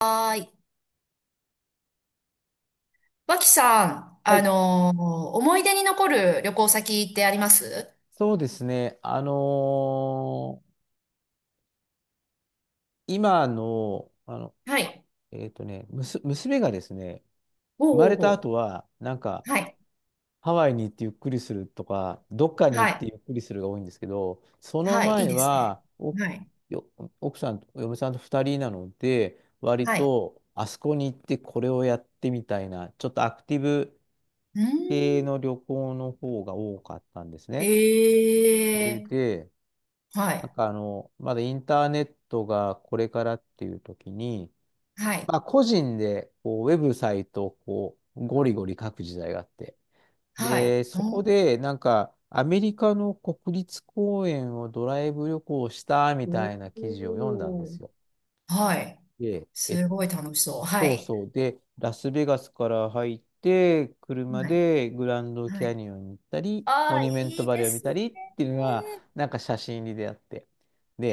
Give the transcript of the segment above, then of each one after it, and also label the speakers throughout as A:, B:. A: はーい。脇さん、
B: はい、
A: 思い出に残る旅行先ってあります
B: そうですね。あのー今の、あの、
A: はい。
B: えっとね、むす、娘がですね、
A: お
B: 生まれ
A: うお
B: た
A: うお
B: 後
A: う。
B: は、
A: はい。
B: ハワイに行ってゆっくりするとか、どっかに
A: は
B: 行って
A: い。
B: ゆっくりするが多いんですけど、その
A: はい。いい
B: 前
A: ですね。
B: は、
A: はい。
B: よ、奥さんと、嫁さんと2人なので、割
A: はい。
B: と、あそこに行ってこれをやってみたいな、ちょっとアクティブ
A: うーん。
B: 系の旅行の方が多かったんですね。それ
A: ええ
B: で、
A: ー。はい。
B: まだインターネットがこれからっていう時に、
A: はい。
B: まあ個人でこうウェブサイトをこうゴリゴリ書く時代があって。
A: はい。
B: で、そこ
A: おー
B: でなんかアメリカの国立公園をドライブ旅行したみたい
A: お
B: な記事を読んだんで
A: ー、
B: すよ。
A: はい。
B: で、え、
A: すごい楽しそう。は
B: そう
A: い。
B: そう。で、ラスベガスから入って、車
A: はい。
B: でグランド
A: は
B: キャ
A: い。
B: ニオンに行ったり、
A: あ
B: モ
A: あ、
B: ニュメン
A: い
B: ト
A: い
B: バ
A: で
B: レーを見
A: す
B: た
A: ね。
B: りっていうのが、なんか写真に出会って。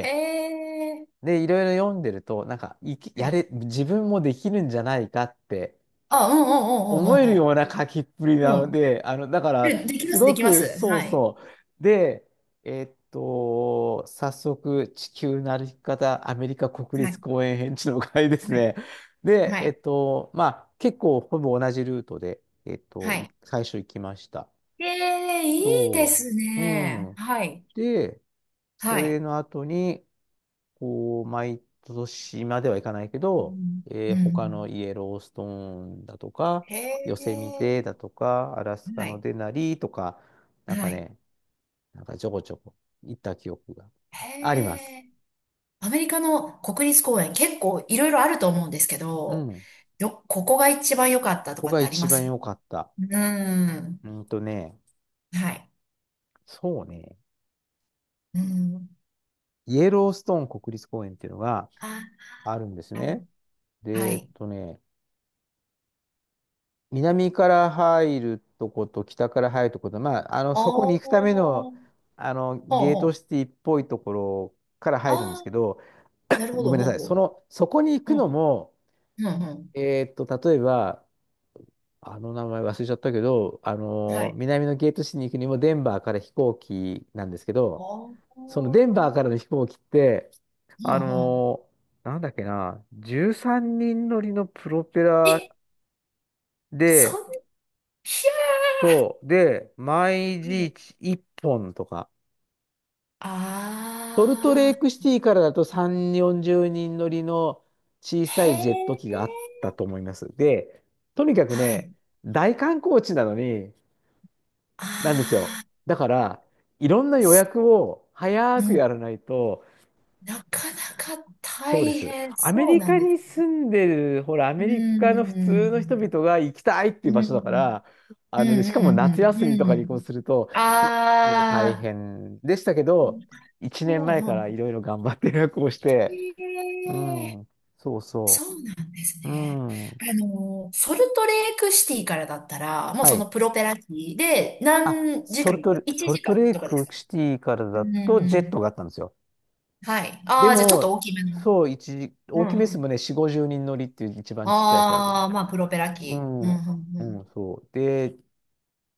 A: へえ。
B: で、いろいろ読んでると、なんか、いき、
A: は
B: や
A: い。
B: れ、自分もできるんじゃないかって
A: あ、うんうん
B: 思
A: うん。
B: えるような書きっぷり
A: う
B: な
A: んうんう
B: の
A: ん。うん。
B: で、あの、だから、
A: で、できま
B: す
A: す、で
B: ご
A: きま
B: く、
A: す。
B: そう
A: はい。
B: そう。で、えっと、早速、地球の歩き方、アメリカ国
A: は
B: 立
A: い。
B: 公園編地の会です
A: はい。
B: ね。で、
A: は
B: え
A: い。
B: っと、まあ、結構、ほぼ同じルートで、
A: はい。
B: 最初行きました。
A: ええ、いいで
B: そ
A: す
B: う。う
A: ね。
B: ん。
A: はい。
B: で、そ
A: はい。
B: れの後に、こう、毎年まではいかないけ
A: う
B: ど、
A: ん。う
B: 他
A: ん。
B: のイエローストーンだとか、
A: へ
B: ヨセミ
A: え。
B: テだとか、アラスカ
A: は
B: の
A: い。
B: デナリとか、なん
A: は
B: か
A: い。
B: ね、なんかちょこちょこ行った記憶があります。
A: へえ。アメリカの国立公園、結構いろいろあると思うんですけ
B: う
A: ど、
B: ん。こ
A: ここが一番良かったと
B: こ
A: かっ
B: が
A: てあり
B: 一
A: ま
B: 番
A: す
B: 良かった。
A: うん。
B: うんとね、
A: はい。
B: そうね、
A: うん。
B: イエローストーン国立公園っていうのが
A: あ、
B: あるんです
A: はい。
B: ね。
A: は
B: で、えっ
A: い。
B: とね、南から入るとこと北から入るとこと、まあ、あの、そこ
A: お
B: に
A: ー。
B: 行くため
A: ほ
B: の、
A: う
B: あの、ゲー
A: ほ
B: トシ
A: う。
B: ティっぽいところから
A: あ
B: 入るんですけ
A: あ、
B: ど、
A: なるほ
B: ご
A: ど、
B: めんな
A: ほう
B: さい。
A: ほ
B: そ
A: う。
B: の、そこに行
A: う
B: くの
A: ん。
B: も、
A: うん、うん。
B: えーっと、例えば、あの名前忘れちゃったけど、あ
A: は
B: の、
A: い。
B: 南のゲートシティに行くにもデンバーから飛行機なんですけど、
A: おー。
B: その
A: ほ
B: デン
A: うん。
B: バーからの飛行機って、
A: う
B: あ
A: ん。
B: の、なんだっけな、13人乗りのプロペ
A: え、
B: ラ
A: そ
B: で、
A: ん、ひゃ
B: そう。で、毎
A: ー。
B: 日1本とか。ソルトレ
A: あ
B: ーク
A: あ、
B: シティからだと3、40人乗りの小さ
A: へ
B: いジェット機があっ
A: え、
B: たと思います。で、とにかく
A: は
B: ね、
A: い。
B: 大観光地なのに、なんですよ。
A: あ
B: だから、いろんな
A: あ、
B: 予
A: す、
B: 約を早
A: う
B: く
A: ん。
B: やらないと、
A: なかなか
B: そうで
A: 大
B: す。
A: 変
B: アメ
A: そう
B: リ
A: なん
B: カ
A: です
B: に
A: ね。
B: 住んでる、ほら、ア
A: う
B: メリ
A: ん、
B: カの普
A: う
B: 通の人
A: ん、
B: 々が行きたいってい
A: う
B: う
A: ん、
B: 場
A: う
B: 所だか
A: ん、
B: ら、
A: う
B: あのね、しかも夏
A: ん。
B: 休みと
A: う
B: かに移行
A: ん。
B: すると、結構大
A: ああ、
B: 変でしたけど、1
A: なる
B: 年
A: ほ
B: 前から
A: ど。
B: いろいろ頑張って予約をして、
A: へ
B: う
A: え、
B: ん、そうそ
A: そうなんです
B: う、う
A: ね。
B: ん、は
A: あの、ソルトレークシティからだったら、もうそ
B: い。
A: のプロペラ機で何時間とか、1
B: ソルト
A: 時間
B: レー
A: とかで
B: ク
A: す
B: シティから
A: う
B: だとジェッ
A: ん。
B: トがあったんですよ。
A: はい。あ
B: で
A: あ、じゃあちょっと
B: も、
A: 大きめの。
B: そう、一時、
A: う
B: 大
A: んう
B: きめですも
A: ん。
B: んね、4、50人乗りっていう一番ちっちゃいサイズ
A: あ
B: の。
A: あ、まあ、プロペラ
B: う
A: 機。うんうんう
B: ん、う
A: ん。
B: ん、そう。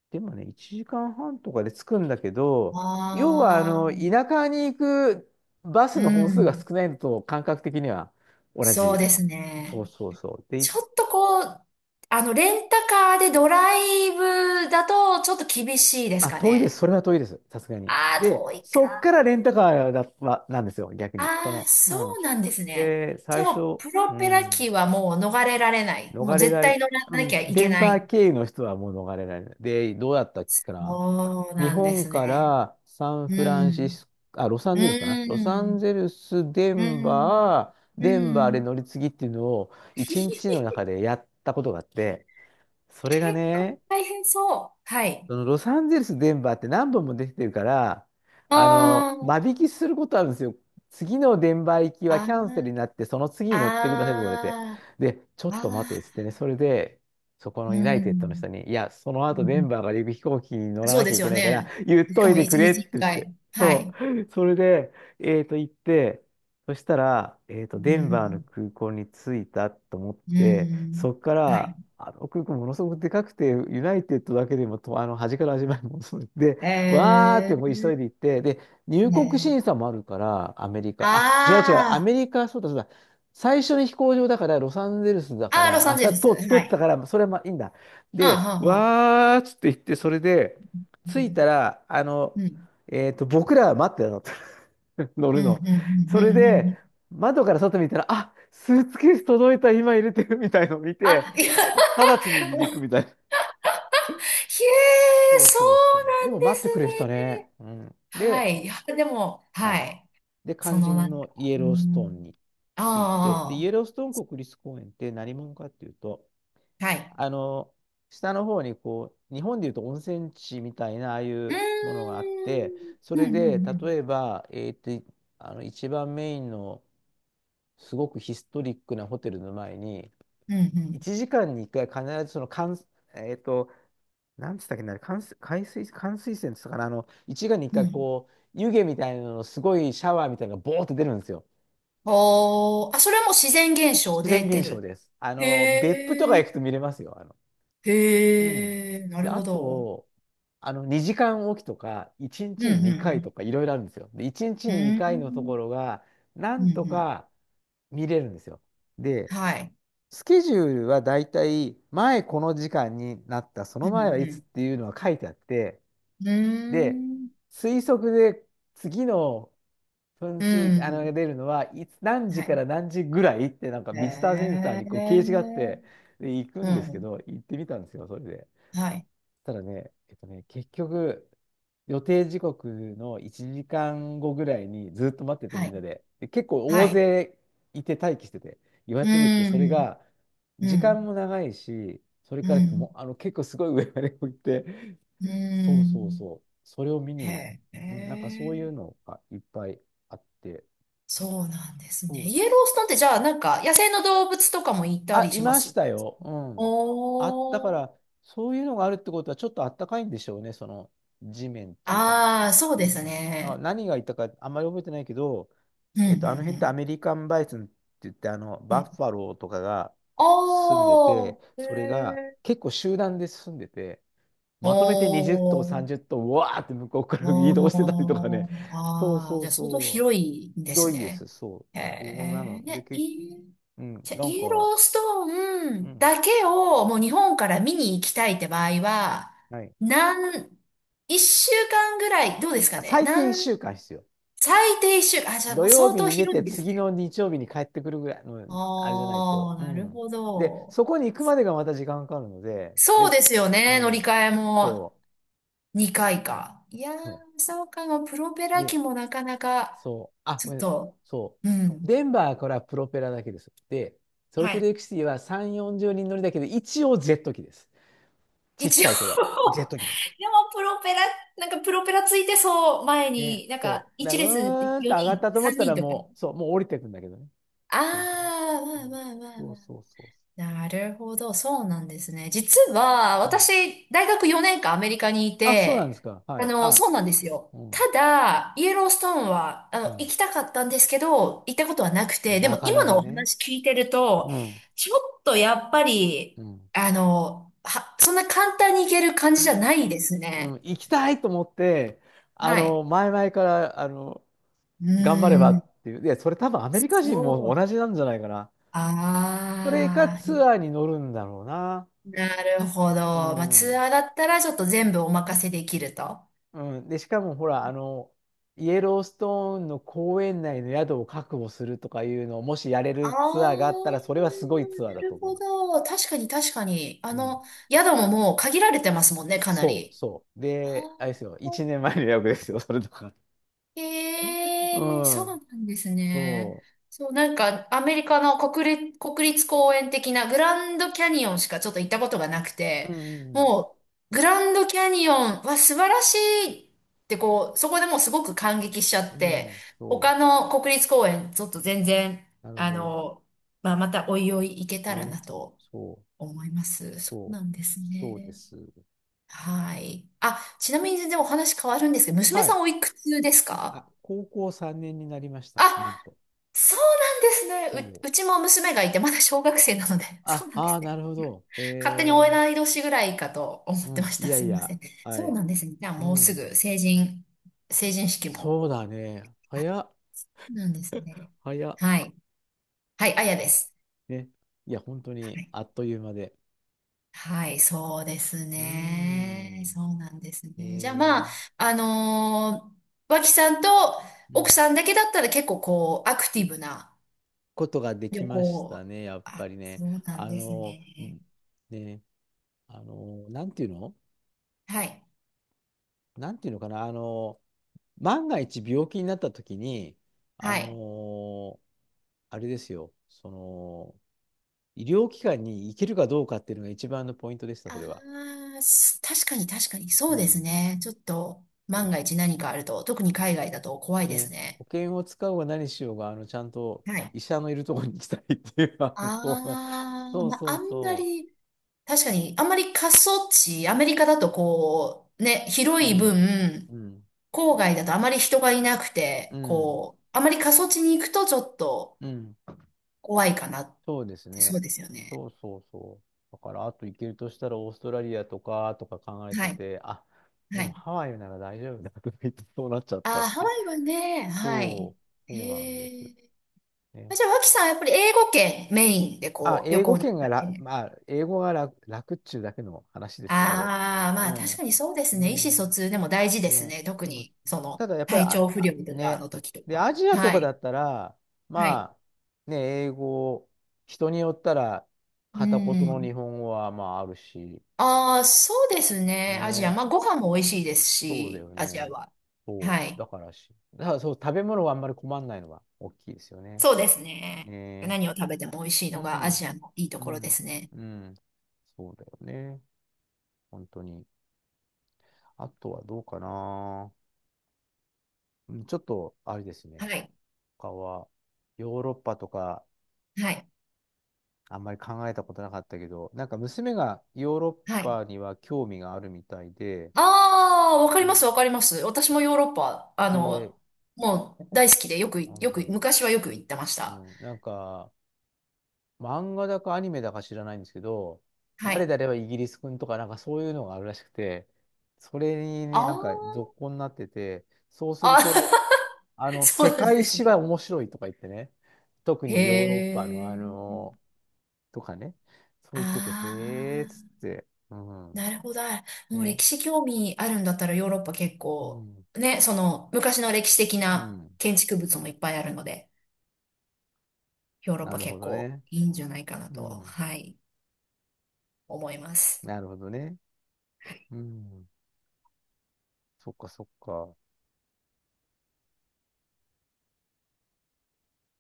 B: でもね、1時間半とかで着くんだけど、要は、あ
A: あ
B: の、
A: あ、
B: 田舎に行くバス
A: う
B: の本数が
A: ん。
B: 少ないのと感覚的には同
A: そう
B: じ。
A: です
B: そ
A: ね。
B: うそうそう。で、い
A: ちょっとこう、あの、レンタカーでドライブだとちょっと厳しいです
B: あ、
A: か
B: 遠いです。
A: ね。
B: それは遠いです。さすがに。
A: ああ、
B: で、
A: 遠い
B: そっか
A: か。
B: らレンタカーだ、は、なんですよ、逆に。そ
A: ああ、
B: の、う
A: そ
B: ん。
A: うなんですね。
B: で、
A: で
B: 最
A: も、
B: 初、
A: プ
B: う
A: ロペラ
B: ん、
A: 機はもう逃れられない。も
B: 逃
A: う
B: れ
A: 絶
B: ら
A: 対
B: れ、
A: 乗ら
B: う
A: な
B: ん、
A: きゃい
B: デ
A: け
B: ン
A: な
B: バー
A: い。
B: 経由の人はもう逃れられない。で、どうだったっけかな。
A: そう
B: 日
A: なんで
B: 本
A: す
B: か
A: ね。
B: らサン
A: う
B: フランシ
A: ん。
B: スコ、あ、ロサン
A: う
B: ゼルスかな。ロサン
A: ん。
B: ゼルス、デ
A: う
B: ン
A: ん。
B: バー、
A: う
B: デンバーで
A: ん。
B: 乗り継ぎっていうのを 一日の
A: 結
B: 中でやったことがあって、それが
A: 構
B: ね、
A: 大変そう。はい。
B: そのロサンゼルス、デンバーって何本も出てるから、
A: あ
B: あの、間
A: ー、
B: 引きすることあるんですよ。次のデンバー行きは
A: あ
B: キャンセルに
A: ー、
B: なって、その次に乗ってくださいと言われて。
A: あ
B: で、ちょ
A: ー、
B: っと待
A: あ
B: てっつってね、それで、そこ
A: ー、
B: の
A: う
B: ユナイテッドの
A: ん。
B: 人に、いや、その
A: う
B: 後デン
A: ん。
B: バーから行く飛行機に乗ら
A: そう
B: なき
A: で
B: ゃい
A: す
B: け
A: よ
B: ないから、
A: ね。
B: 言っ
A: し
B: と
A: か
B: い
A: も
B: て
A: 一
B: くれっ
A: 日
B: て
A: 一
B: 言って。
A: 回。は
B: そ
A: い。
B: う。それで、えっと、行って、そしたら、えっと、
A: う
B: デンバーの
A: ん。
B: 空港に着いたと思っ
A: う
B: て、
A: ん。
B: そこか
A: は
B: ら、
A: い。
B: あの空港ものすごくでかくて、ユナイテッドだけでもと、あの、端から端までものすごく で、わーっ
A: え
B: てもう
A: ー、
B: 急いで行って、で、入国
A: ね
B: 審
A: え。
B: 査もあるから、アメリカ。あ、違う違う、ア
A: あ
B: メリカ、そうだそうだ。最初に飛行場だから、ロサンゼルスだ
A: あ、
B: か
A: ああ、ロ
B: ら、
A: サ
B: あ、
A: ン
B: そ
A: ゼ
B: れ
A: ル
B: は
A: ス。
B: 通通
A: は
B: った
A: い。
B: から、それはまあいいんだ。
A: ああ、
B: で、
A: はあ、はあ。
B: わーっつって言って、それで、
A: う
B: 着い
A: ん。
B: たら、あの、
A: うん。
B: えっと、僕らは待ってたの。乗
A: う
B: る
A: ん。
B: の。
A: うん。うん。
B: それ
A: うん。
B: で、
A: うん。
B: 窓から外見たら、あ、スーツケース届いた、今入れてるみたいのを見て、
A: あ、いや、へ
B: 直ちに離陸みたいな。
A: え、
B: そう
A: そ
B: そうそ
A: う
B: う。
A: な
B: でも
A: んで
B: 待っ
A: す
B: てくれてた
A: ね。
B: ね。うん。
A: は
B: で、
A: い。いや、でも、
B: は
A: は
B: い。
A: い。
B: で、
A: そ
B: 肝
A: のな
B: 心
A: ん
B: の
A: か、
B: イエ
A: う
B: ローストーン
A: ん。
B: について、で、イ
A: あ
B: エローストーン国立公園って何者かっていうと、
A: あ、はい。
B: あの、下の方にこう、日本でいうと温泉地みたいな、ああい
A: うー
B: うものがあって、
A: ん。
B: それ
A: うん、うん、
B: で、
A: うん。
B: 例えば、えーっと、あの、一番メインの、すごくヒストリックなホテルの前に、
A: うん、う
B: 1時間に1回必ずそのかんえっと、なんつったっけな、関水、海水、冠水泉っつったかな、あの、1時間に1
A: ん。う
B: 回
A: ん。
B: こう、湯気みたいなの、すごいシャワーみたいなのがボーって出るんですよ。
A: おー、あ、それも自然現象
B: 自
A: で
B: 然現
A: 出
B: 象
A: る。
B: です。あ
A: へ
B: の、別府とか
A: え、
B: 行くと見れますよ。あの、うん。
A: へえ、な
B: で、
A: る
B: あ
A: ほど。
B: と、あの、2時間おきとか、1
A: うん、
B: 日
A: う
B: に2回
A: ん、
B: とか、いろいろあるんですよ。で、1日
A: う
B: に
A: ん。う
B: 2回のとこ
A: ん、
B: ろが、な
A: う
B: ん
A: ん、
B: と
A: うん。
B: か見れるんですよ。で、
A: はい。
B: スケジュールはだいたい前この時間になった、その
A: うん、
B: 前はい
A: う
B: つ
A: ん。
B: っていうのは書いてあって、
A: うー
B: で、
A: ん、
B: 推測で次の噴
A: う
B: 水、あの、
A: ん。
B: が出るのはいつ、何
A: は
B: 時か
A: い。
B: ら何時ぐらいってなんか
A: へ
B: ビジターセンターにこう掲示があっ
A: え、
B: て、で、行く
A: う
B: んですけ
A: ん。
B: ど、行ってみたんですよ、それで。
A: はい。
B: ただね、えっとね、結局、予定時刻の1時間後ぐらいにずっと待ってて
A: は
B: みんな
A: い。
B: で、で結構
A: は
B: 大
A: い。
B: 勢いて待機してて、予
A: う
B: 約出てきて、それ
A: ん。
B: が
A: う
B: 時
A: ん。
B: 間も長いし、それ
A: う
B: からも
A: ん。
B: うあの結構すごい上まで置いて、
A: う
B: そうそう
A: ん。
B: そう、それを見に、
A: へ
B: うんなんかそういう
A: え。
B: のがいっぱいあって、
A: そうなんですね。
B: そう
A: イ
B: で
A: エロ
B: す
A: ーストーンってじゃあなんか野生の動物とかもいた
B: あ、
A: り
B: い
A: しま
B: まし
A: す
B: たよ。うん。あ、だか
A: おー。
B: ら、そういうのがあるってことは、ちょっとあったかいんでしょうね、その地面っていうか。
A: ああ、そう
B: う
A: です
B: んあ、
A: ね。
B: 何がいたか、あんまり覚えてないけど、
A: うん、う
B: えっと、あの辺ってア
A: ん、
B: メリカンバイソンって言って、あの、
A: うん。う
B: バ
A: ん。
B: ッファローとかが住んで
A: お
B: て、
A: ー。へ
B: それが
A: え。
B: 結構集団で住んでて、
A: お
B: まとめて20頭、
A: ー。
B: 30頭、うわーって向こうから移
A: お
B: 動してたりとかね。
A: ー、
B: そう
A: ああ、
B: そ
A: じ
B: う
A: ゃあ相当
B: そう。
A: 広いん
B: ひ
A: で
B: ど
A: す
B: いです、
A: ね。
B: そう。
A: へ
B: そうなの。
A: え、
B: で、
A: ね、
B: け、
A: いい、
B: うん、
A: じゃあ
B: なん
A: イエ
B: か、
A: ローストー
B: う
A: ン
B: ん。
A: だけをもう日本から見に行きたいって場合は、
B: はい
A: 何、一週間ぐらい、どうですかね。
B: 最低
A: 何、
B: 1週間必要。
A: 最低一週間、あ、じゃあ
B: 土
A: もう
B: 曜
A: 相
B: 日
A: 当
B: に出
A: 広い
B: て、
A: んです
B: 次
A: ね。
B: の日曜日に帰ってくるぐらいの、あれじゃないと。
A: ああ、
B: う
A: なる
B: ん。
A: ほ
B: で、
A: ど。
B: そこに行くまでがまた時間かかるので、
A: そう
B: で、
A: ですよ
B: う
A: ね、乗り
B: ん。
A: 換えも。
B: そ
A: 2回か。いやー、
B: う。
A: そうかも。プロペラ
B: で、
A: 機もなかなか、
B: そう。あ、
A: ち
B: ご
A: ょ
B: め
A: っ
B: ん。
A: と、
B: そ
A: う
B: う。
A: ん。
B: デンバーからプロペラだけです。で、ソル
A: は
B: トレ
A: い。
B: イクシティは3、40人乗りだけど、一応ジェット機です。ちっ
A: 一
B: ちゃ
A: 応
B: いけど、ジェッ ト機です。
A: でもプロペラ、なんかプロペラついてそう、前
B: ね、
A: に、なんか、
B: そう。だか
A: 一列
B: ら、上がっ
A: 4
B: た
A: 人、
B: と思っ
A: 3
B: た
A: 人
B: ら
A: とか。
B: もう、そう、もう降りてくんだけどね。基本的に
A: あー、まあまあまあ
B: そ
A: ま
B: う
A: あ、
B: そうそ
A: なるほど、そうなんですね。実は、
B: う。うん。
A: 私、大学4年間アメリカにい
B: あ、そうなんで
A: て、
B: すか。は
A: あ
B: い。
A: の、そ
B: あ、
A: うなんですよ。
B: うん、
A: ただ、イエローストーンは、あの、
B: うん。
A: 行きたかったんですけど、行ったことはなくて、で
B: な
A: も
B: か
A: 今
B: な
A: の
B: か
A: お
B: ね。
A: 話聞いてると、
B: うん、
A: ちょっとやっぱり、
B: うん、
A: あの、は、そんな簡単に行ける感じじゃないです
B: う
A: ね。
B: ん。行きたいと思って、
A: はい。
B: 前々から、
A: う
B: 頑張れば
A: ーん、
B: っていう。いや、それ多分アメリカ人
A: そ
B: も
A: う。
B: 同じなんじゃないかな。それか
A: ああ、
B: ツアーに乗るんだろうな。
A: なるほ
B: う
A: ど。まあ、ツ
B: ん、
A: アーだったらちょっと全部お任せできると。
B: うん。で、しかもほら、イエローストーンの公園内の宿を確保するとかいうのを、もしやれ
A: あ
B: る
A: あ、
B: ツアーがあったら、それはすごいツアー
A: な
B: だと
A: る
B: 思い
A: ほ
B: ます。
A: ど。確かに確かに。あ
B: うん。
A: の、宿ももう限られてますもんね、かな
B: そう、
A: り。
B: そう。
A: あ
B: で、あれですよ、
A: ー、
B: 1年前の予約ですよ、それとか。う
A: へえ、そう
B: ん、
A: なんですね。
B: そ
A: そう、なんか、アメリカの国立、国立公園的なグランドキャニオンしかちょっと行ったことがなく
B: う。
A: て、
B: うん、
A: もう、グランドキャニオンは素晴らしいって、こう、そこでもうすごく感激しちゃ
B: う
A: っ
B: ん、う
A: て、
B: ん、そ
A: 他の国立公園、ちょっと全然、
B: う。なるほ
A: あ
B: ど。
A: の、まあ、またおいおい行けたら
B: ね。
A: なと
B: そう、
A: 思います。そう
B: そう、
A: なんです
B: そうで
A: ね。
B: す。
A: はい。あ、ちなみに全然お話変わるんですけど、娘
B: は
A: さ
B: い。
A: んおいくつです
B: あ、
A: か？
B: 高校3年になりました、なん
A: あ、
B: と。
A: そうなんで
B: そ
A: すね。
B: う。
A: う、うちも娘がいて、まだ小学生なので、そう
B: あ、
A: なんで
B: ああ、
A: す
B: な
A: ね。
B: るほど。
A: 勝手にえない年ぐらいかと思
B: う
A: ってま
B: ん、
A: し
B: い
A: た。
B: や
A: すい
B: い
A: ませ
B: や、
A: ん。
B: は
A: そう
B: い。
A: なんですね。じゃあ
B: う
A: もうす
B: ん、
A: ぐ成人、成人式も。
B: そうだね。
A: あ、そ
B: 早っ、
A: うなんですね。
B: 早っ。
A: はい。はい、あやです。
B: ね。いや、本当
A: は
B: に、
A: い。
B: あっという間で。
A: はい、そうです
B: うー
A: ね。
B: ん、
A: そうなんですね。じゃあ
B: え
A: まあ、
B: ー、
A: あのー脇さんと
B: う
A: 奥
B: ん。
A: さんだけだったら結構こう、アクティブな
B: ことがで
A: 旅
B: きまし
A: 行。
B: たね、やっぱ
A: あ、
B: りね。
A: そうなん
B: あ
A: です
B: の、
A: ね。
B: ね、あの、なんていうの
A: はい。
B: なんていうのかな、万が一病気になった時に、あ
A: はい。
B: の、あれですよ、医療機関に行けるかどうかっていうのが一番のポイントでした、そ
A: あ
B: れは。
A: あ、す、確かに確かに、そ
B: う
A: うです
B: ん。
A: ね。ちょっと、万が一何かあると、特に海外だと怖いです
B: ね、保
A: ね。
B: 険を使おうが何しようが、ちゃんと
A: はい。
B: 医者のいるところに行きたいっていう、そう、
A: ああ、
B: そう
A: まあ、
B: そ
A: あ
B: う
A: んま
B: そ
A: り、確かに、あんまり過疎地、アメリカだとこう、ね、広
B: う。う
A: い
B: ん。
A: 分、
B: うん。
A: 郊外だとあまり人がいなく
B: う
A: て、
B: ん。
A: こう、あまり過疎地に行くとちょっと
B: うん。
A: 怖いかなっ
B: そうです
A: て、そ
B: ね。
A: うですよね。
B: そうそうそう。だから、あと行けるとしたらオーストラリアとか、とか考えて
A: はい、
B: て、あ、で
A: は
B: も
A: い。
B: ハワイなら大丈夫だとか言ってそうなっちゃった
A: あ
B: っ
A: あ、ハ
B: て。
A: ワイはね、はい。
B: そう、そうなん
A: へ
B: です。
A: え。
B: ね。
A: じゃあ、脇さんはやっぱり英語圏メインで
B: あ、
A: こう、旅
B: 英語
A: 行に行っ
B: 圏が
A: たり
B: ら、
A: ね。
B: まあ、英語が楽、楽っちゅうだけの話ですけど。
A: ああ、
B: う
A: まあ確
B: ん。
A: かにそうで
B: う
A: すね。意思疎
B: ん。
A: 通でも大事です
B: ね。
A: ね。特
B: でも、
A: に、そ
B: た
A: の、
B: だやっぱり、
A: 体
B: あ、
A: 調不
B: あ
A: 良とか
B: ね。
A: の時と
B: で、
A: か。
B: アジアと
A: は
B: かだ
A: い。
B: ったら、
A: はい。
B: まあ、ね、英語、人によったら、
A: う
B: 片言の
A: ん。
B: 日本語はまああるし、
A: ああ、そうですね。
B: ね
A: アジア。
B: え、
A: まあご飯も美味しいです
B: そうだ
A: し、
B: よ
A: アジア
B: ね。
A: は。
B: そう。
A: はい。
B: だからし、だからそう、食べ物はあんまり困んないのは大きいですよね。
A: そうですね。
B: ね
A: 何を食べても美味しい
B: え。う
A: のがアジ
B: ん、
A: アのいいと
B: う
A: ころで
B: ん、
A: すね。
B: うん。そうだよね。本当に。あとはどうかな。うん、ちょっと、あれですね。
A: はい。
B: 他は、ヨーロッパとか、
A: はい。
B: あんまり考えたことなかったけど、なんか娘がヨーロ
A: は
B: ッ
A: い。
B: パには興味があるみたいで、
A: ああ、わ
B: う
A: かります、
B: ん。
A: わかります。私もヨーロッパ、あ
B: で、
A: の、もう大好きでよく、
B: あの
A: よく、
B: ね、
A: 昔はよく行ってまし
B: う
A: た。
B: ん、なんか、漫画だかアニメだか知らないんですけど、
A: は
B: 誰
A: い。
B: 々はイギリス君とかなんかそういうのがあるらしくて、それに
A: あ
B: なん
A: ー、
B: か続行になってて、そうする
A: あ、
B: と、
A: そう
B: 世
A: なんで
B: 界
A: す
B: 史は
A: ね。
B: 面白いとか言ってね、特
A: へ
B: にヨーロッパの
A: え。
B: とかね、そう
A: あ
B: 言ってて、へえーっつっ
A: あ、
B: て、うん、
A: なるほど。もう
B: ね、
A: 歴史興味あるんだったらヨーロッパ結
B: う
A: 構、
B: ん、
A: ね、その昔の歴史的
B: う
A: な
B: ん、
A: 建築物もいっぱいあるので、ヨーロッ
B: な
A: パ
B: るほ
A: 結
B: ど
A: 構
B: ね、
A: いいんじゃないかな
B: う
A: と、
B: ん、
A: はい、思います。
B: なるほどね、うん、そっかそっか。